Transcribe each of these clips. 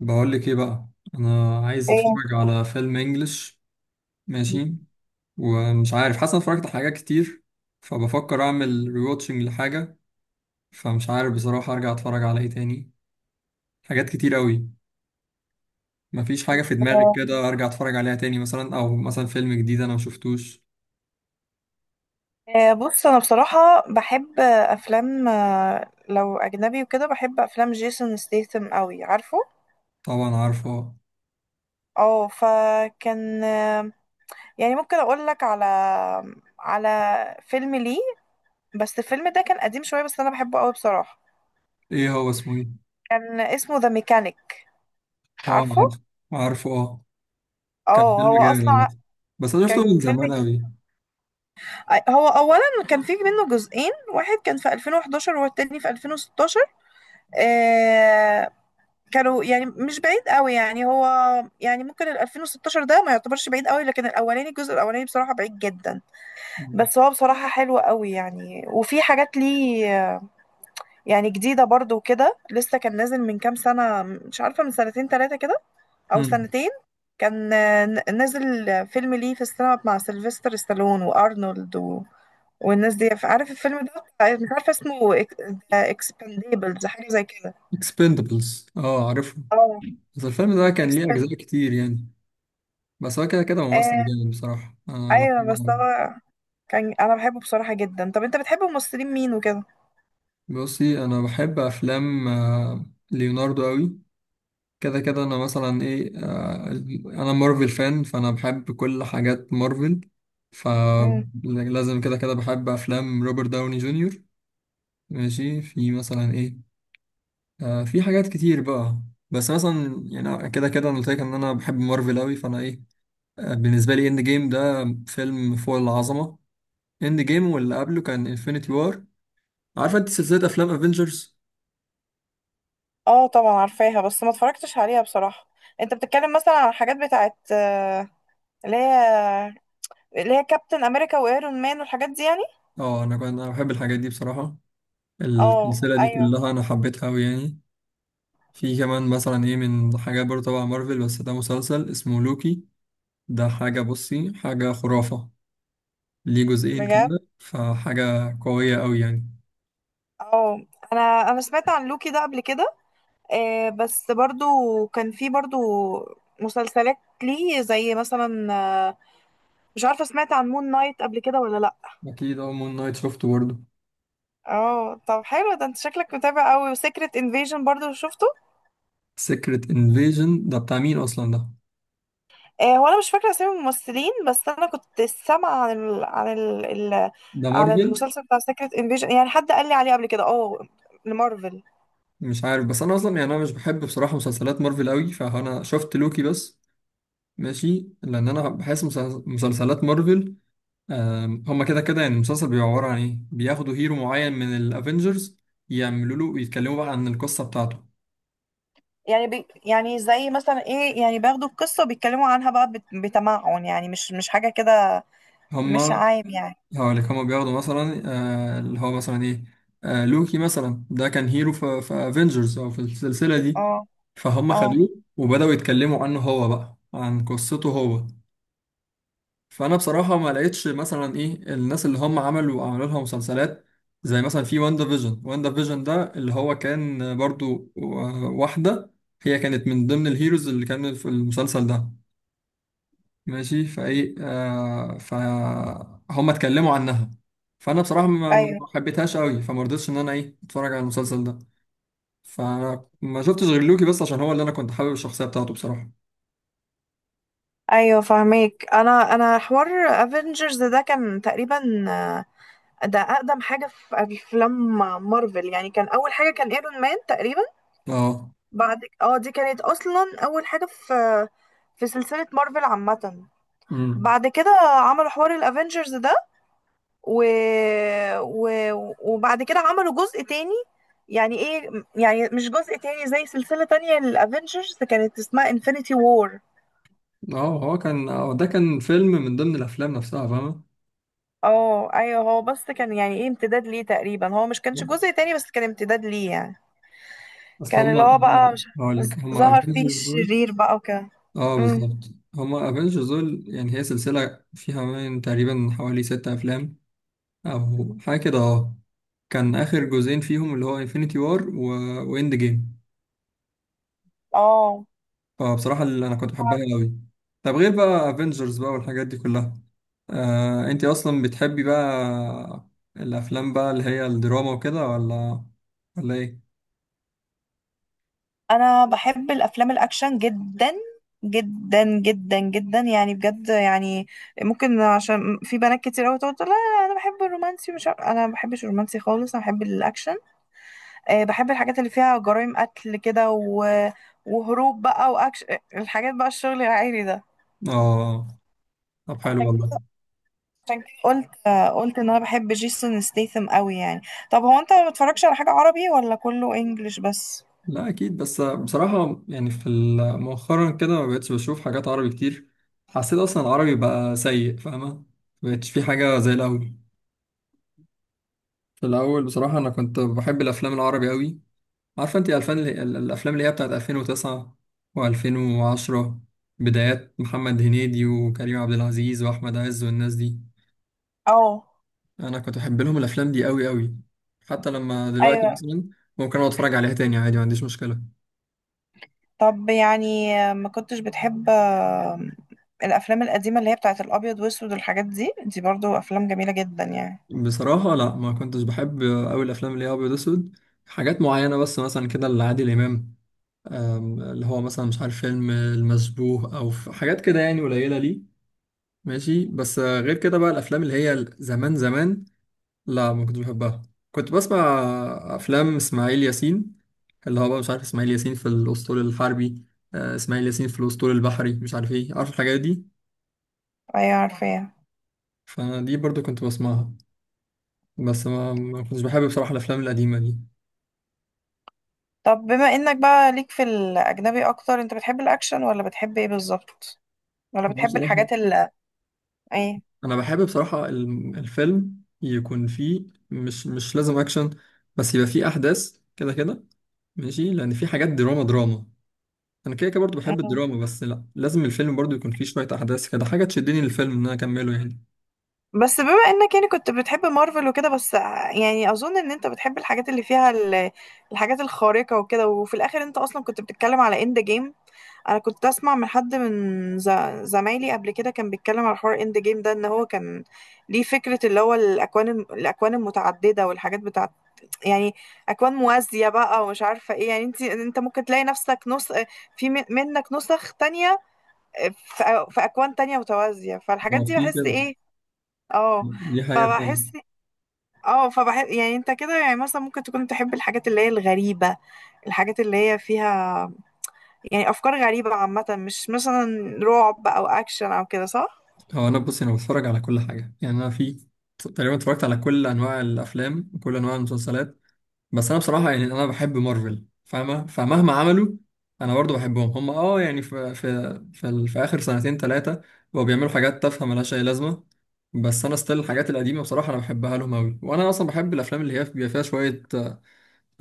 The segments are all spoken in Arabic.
بقول لك ايه بقى. انا عايز إيه، اتفرج على فيلم انجلش. ماشي، ومش عارف، حاسس أنا اتفرجت على حاجات كتير، فبفكر اعمل ريواتشنج لحاجه. فمش عارف بصراحه ارجع اتفرج على ايه تاني، حاجات كتير قوي. مفيش حاجه في دماغي كده ارجع اتفرج عليها تاني مثلا، او مثلا فيلم جديد انا مشفتوش. بص انا بصراحه بحب افلام لو اجنبي وكده، بحب افلام جيسون ستيثم قوي، عارفه. طبعا عارفه. اه، فكان، يعني ممكن اقول لك على على فيلم ليه. بس الفيلم ده كان قديم شويه، بس انا بحبه قوي بصراحه. ايه هو اسمه ايه؟ كان اسمه ذا ميكانيك، اه عارفه. عارفه، عارفه اه. كان اه، فيلم هو جامد اصلا عامة. بس انا شفته كان من فيلم، زمان قوي. هو اولا كان فيه منه جزئين، واحد كان في 2011 والتاني في 2016. كانوا يعني مش بعيد قوي، يعني هو، يعني ممكن ال 2016 ده ما يعتبرش بعيد قوي، لكن الجزء الاولاني بصراحة بعيد جدا. بس هو بصراحة حلو قوي يعني، وفي حاجات ليه يعني جديدة برضو وكده، لسه كان نازل من كام سنة، مش عارفة، من سنتين ثلاثة كده، او امم. سنتين. كان نازل فيلم ليه في السينما مع سيلفستر ستالون وارنولد والناس دي، عارف الفيلم ده. مش عارفة اسمه، اكسبانديبلز، حاجة زي كده. اكسبندبلز، اه عارفه. اه، بس الفيلم ده كان ليه اكسباند. أجزاء كتير يعني. بس هو كده كده ممثل جامد بصراحة، أنا ايوه، بحبه بس أوي. انا، كان انا بحبه بصراحه جدا. طب انت بتحب ممثلين مين وكده؟ بصي، أنا بحب أفلام ليوناردو أوي. كده كده أنا مثلا إيه. أنا مارفل فان، فأنا بحب كل حاجات مارفل. امم، فلازم كده كده بحب أفلام روبرت داوني جونيور. ماشي، في مثلا إيه. في حاجات كتير بقى. بس مثلا يعني كده كده أنا قلت لك إن أنا بحب مارفل أوي، فأنا إيه. بالنسبة لي إند جيم ده فيلم فوق العظمة. اند جيم واللي قبله كان انفينيتي وار، عارفه انت سلسله افلام افنجرز. اه، طبعا عارفاها، بس ما اتفرجتش عليها بصراحه. انت بتتكلم مثلا على الحاجات بتاعت، اللي هي اللي هي كابتن امريكا وايرون مان والحاجات دي يعني. اه انا كنت بحب الحاجات دي بصراحه، اه، السلسله دي ايوه، كلها انا حبيتها قوي يعني. في كمان مثلا ايه من حاجات برضه تبع مارفل، بس ده مسلسل اسمه لوكي. ده حاجه، بصي، حاجه خرافه. ليه جزئين بجد. كده، فحاجه قويه قوي يعني. اه، انا انا سمعت عن لوكي ده قبل كده، بس برضو كان في برضو مسلسلات ليه، زي مثلا، آه، مش عارفه، سمعت عن مون نايت قبل كده ولا لا؟ اكيد، اه، مون نايت شفته برضه. اه، طب حلو. ده انت شكلك متابع قوي. وسيكريت انفيجن برضو شفته؟ سيكريت انفيجن ده بتاع مين اصلا ده؟ هو انا مش فاكره اسامي الممثلين، بس انا كنت سامعه ال... ده عن مارفل؟ المسلسل بتاع سيكريت انفيجن، يعني حد قال لي عليه قبل كده، اه، لمارفل. مش عارف، بس انا اصلا يعني انا مش بحب بصراحه مسلسلات مارفل قوي، فانا شفت لوكي بس. ماشي، لان انا بحس مسلسلات مارفل، هما كده كده يعني المسلسل بيبقى عباره عن ايه، بياخدوا هيرو معين من الافنجرز، يعملوا له ويتكلموا بقى عن القصه بتاعته. يعني يعني زي مثلا ايه، يعني بياخدوا القصه وبيتكلموا عنها بقى، بتمعن يعني، مش حاجه كده، مش هما عام يعني. هقول لك هما بياخدوا مثلا اللي هو مثلا ايه. لوكي مثلا ده كان هيرو في افنجرز او في السلسله دي، اه، فهم اه، خدوه وبداوا يتكلموا عنه هو بقى عن قصته هو. فانا بصراحه ما لقيتش مثلا ايه الناس اللي هم عملوا لها مسلسلات، زي مثلا في واندا فيجن. واندا فيجن ده اللي هو كان برضو واحده، هي كانت من ضمن الهيروز اللي كانوا في المسلسل ده. ماشي فايه، فهم اتكلموا عنها، فانا بصراحه ايوه، ما حبيتهاش قوي، فما رضيتش ان انا ايه اتفرج على المسلسل ده. فانا ما شفتش غير لوكي بس عشان هو اللي انا كنت حابب الشخصيه بتاعته بصراحه. ايوه، فاهمك. انا، حوار افنجرز ده، كان تقريبا ده اقدم حاجه في افلام مارفل. يعني كان اول حاجه، كان ايرون مان تقريبا. اه. بعد اه، دي كانت اصلا اول حاجه في سلسله مارفل عامه. امم. بعد كده عملوا حوار الافنجرز ده، و... و... وبعد كده عملوا جزء تاني. يعني ايه؟ يعني مش جزء تاني، زي سلسله تانية للافنجرز، كانت اسمها انفينيتي وور. اه هو كان، ده كان فيلم من ضمن الافلام نفسها، فاهمه. اه، ايوه، هو بس كان يعني ايه، امتداد ليه تقريبا. هو مش كانش جزء تاني، بس كان امتداد ليه يعني. اصل كان هم اللي هو بقى، هم مش هقول لك هم ظهر فيه افنجرز دول. الشرير بقى وكده. اه امم بالظبط، هم افنجرز دول، يعني هي سلسله فيها من تقريبا حوالي ستة افلام او حاجه كده، اه. كان اخر جزئين فيهم اللي هو انفينيتي وار و... واند جيم. اه، فبصراحه اللي انا كنت بحبها قوي. طب غير بقى افنجرز بقى والحاجات دي كلها، انت اصلا بتحبي بقى الافلام بقى اللي هي الدراما وكده، ولا ايه؟ انا بحب الافلام الاكشن جدا جدا جدا جدا يعني، بجد يعني. ممكن عشان في بنات كتير قوي تقول لا، لا، انا بحب الرومانسي، مش عارف- انا ما بحبش الرومانسي خالص، انا بحب الاكشن. بحب الحاجات اللي فيها جرائم قتل كده، وهروب بقى، واكشن، الحاجات بقى، الشغل العائلي ده. اه طب حلو عشان والله. كده، عشان كده قلت قلت ان انا بحب جيسون ستيثم قوي يعني. طب هو انت ما بتتفرجش على حاجة عربي ولا كله انجليش بس؟ لا اكيد، بس بصراحه يعني في مؤخرا كده ما بقتش بشوف حاجات عربي كتير. حسيت اصلا العربي بقى سيء، فاهمه. ما بقتش في حاجه زي الاول. في الاول بصراحه انا كنت بحب الافلام العربي قوي. عارفه انت الفن الافلام اللي هي بتاعت 2009 و2010، بدايات محمد هنيدي وكريم عبد العزيز واحمد عز والناس دي. اه، انا كنت بحب لهم الافلام دي قوي قوي. حتى لما دلوقتي ايوه. مثلا ممكن اقعد اتفرج عليها تاني عادي، ما عنديش مشكله. طب يعني ما كنتش بتحب الافلام القديمة اللي هي بتاعت الابيض واسود والحاجات دي؟ برضو افلام جميلة جدا يعني. بصراحة لا، ما كنتش بحب أوي الأفلام اللي هي أبيض وأسود. حاجات معينة بس مثلا كده لعادل إمام، اللي هو مثلا مش عارف فيلم المشبوه أو حاجات كده، يعني قليلة ليه. ماشي، بس غير كده بقى الأفلام اللي هي زمان زمان، لا ما كنتش بحبها. كنت بسمع أفلام إسماعيل ياسين، اللي هو بقى مش عارف إسماعيل ياسين في الأسطول الحربي، إسماعيل ياسين في الأسطول البحري، مش عارف إيه، عارف الحاجات دي. ايوه، عارفاها. فأنا دي برضو كنت بسمعها، بس ما كنتش بحب بصراحة الأفلام القديمة دي. طب بما انك بقى ليك في الاجنبي اكتر، انت بتحب الاكشن ولا بتحب ايه بالظبط؟ ولا أنا بتحب بصراحة، الحاجات ايه؟ انا بحب بصراحة الفيلم يكون فيه، مش لازم اكشن، بس يبقى فيه احداث كده كده. ماشي، لان في حاجات دراما دراما، انا كده كده برضه بحب الدراما، بس لا، لازم الفيلم برضه يكون فيه شوية احداث كده، حاجة تشدني للفيلم ان انا اكمله يعني. بس بما انك يعني كنت بتحب مارفل وكده بس، يعني اظن ان انت بتحب الحاجات اللي فيها الحاجات الخارقة وكده. وفي الاخر انت اصلا كنت بتتكلم على اند جيم. انا كنت اسمع من حد، زمايلي قبل كده، كان بيتكلم على حوار اند جيم ده، ان هو كان ليه فكرة، اللي هو الاكوان، الاكوان المتعددة والحاجات بتاعت، يعني اكوان موازية بقى، ومش عارفة ايه. يعني انت، ممكن تلاقي نفسك نص، في منك نسخ تانية، في اكوان تانية متوازية. فالحاجات هو دي في بحس كده، ايه. اه، دي حقيقة فعلا. فبحس، يعني انت كده، يعني مثلا ممكن تكون تحب الحاجات اللي هي الغريبة، الحاجات اللي هي فيها يعني أفكار غريبة عامة، مش مثلا رعب أو أكشن أو كده، صح؟ هو انا بص، انا بتفرج على كل حاجة يعني، انا في تقريبا اتفرجت على كل انواع الافلام وكل انواع المسلسلات. بس انا بصراحه يعني انا بحب مارفل، فاهمه، فمهما عملوا انا برضو بحبهم. هم اه يعني في، في اخر سنتين ثلاثه بقوا بيعملوا حاجات تافهه ملهاش اي لازمه. بس انا ستيل الحاجات القديمه بصراحه انا بحبها لهم قوي، وانا اصلا بحب الافلام اللي هي بيبقى فيها شويه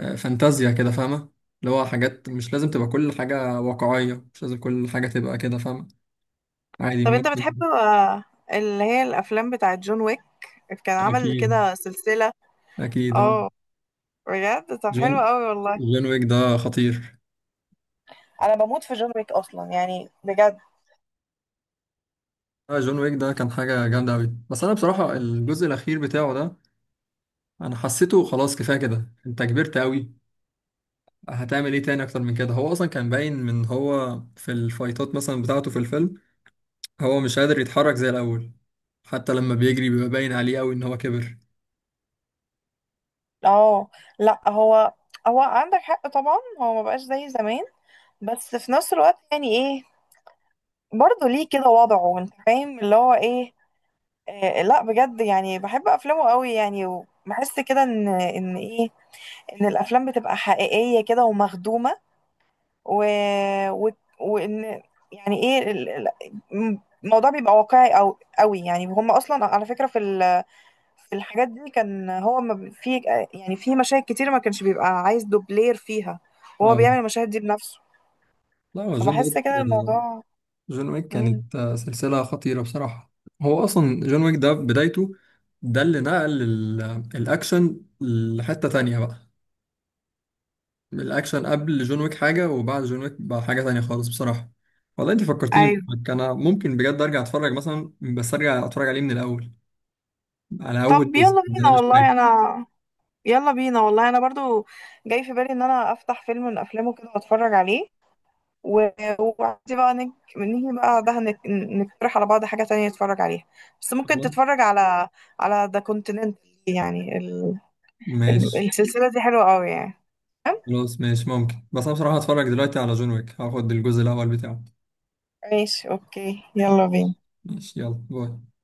فانتازيا كده، فاهمه. اللي هو حاجات مش لازم تبقى كل حاجه واقعيه، مش لازم كل حاجه تبقى كده، فاهمه. عادي طب انت بتحب ممكن. اللي هي الأفلام بتاعة جون ويك. كان عمل اكيد. كده سلسلة. اكيد اه. اه، بجد، طب حلو جون قوي والله. جون ويك ده خطير. انا بموت في جون ويك اصلا يعني، بجد. جون ويك ده كان حاجة جامدة أوي، بس أنا بصراحة الجزء الأخير بتاعه ده أنا حسيته خلاص كفاية كده، أنت كبرت أوي. هتعمل إيه تاني أكتر من كده؟ هو أصلا كان باين من هو في الفايتات مثلا بتاعته في الفيلم، هو مش قادر يتحرك زي الأول. حتى لما بيجري بيبقى باين عليه أوي إن هو كبر. اه، لا، هو، عندك حق طبعا، هو ما بقاش زي زمان. بس في نفس الوقت يعني ايه، برضه ليه كده وضعه، انت فاهم اللي هو ايه. آه، لا، بجد يعني، بحب افلامه قوي يعني. وبحس كده ان ان الافلام بتبقى حقيقية كده ومخدومة، و... و... وان يعني ايه، الموضوع بيبقى واقعي او قوي يعني. هم اصلا على فكرة في في الحاجات دي، كان هو ما بي- في، يعني في مشاهد كتير ما كانش بيبقى عايز دوبلير فيها، وهو آه بيعمل المشاهد دي بنفسه. لا، هو جون فبحس كده ويك. الموضوع. جون ويك مم. كانت سلسلة خطيرة بصراحة. هو أصلا جون ويك ده بدايته، ده اللي نقل الأكشن لحتة تانية بقى. الاكشن قبل جون ويك حاجه، وبعد جون ويك بقى حاجه تانية خالص بصراحه. والله انت فكرتيني ايوه، انا ممكن بجد ارجع اتفرج مثلا، بس ارجع اتفرج عليه من الاول، على اول طب جزء يلا ده انا بينا مش والله فاكر. انا، برضو جاي في بالي ان انا افتح فيلم من افلامه كده واتفرج عليه. ودي بقى، نيجي بقى ده، نقترح على بعض حاجة تانية نتفرج عليها. بس ممكن خلاص تتفرج على ذا كونتيننت. يعني ماشي. السلسلة دي حلوة قوي يعني. خلاص ماشي ممكن، بس انا بصراحه هتفرج دلوقتي على جون ويك، هاخد الجزء الاول بتاعه. ماشي، اوكي، يلا بينا. ماشي، يلا باي.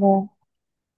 باي.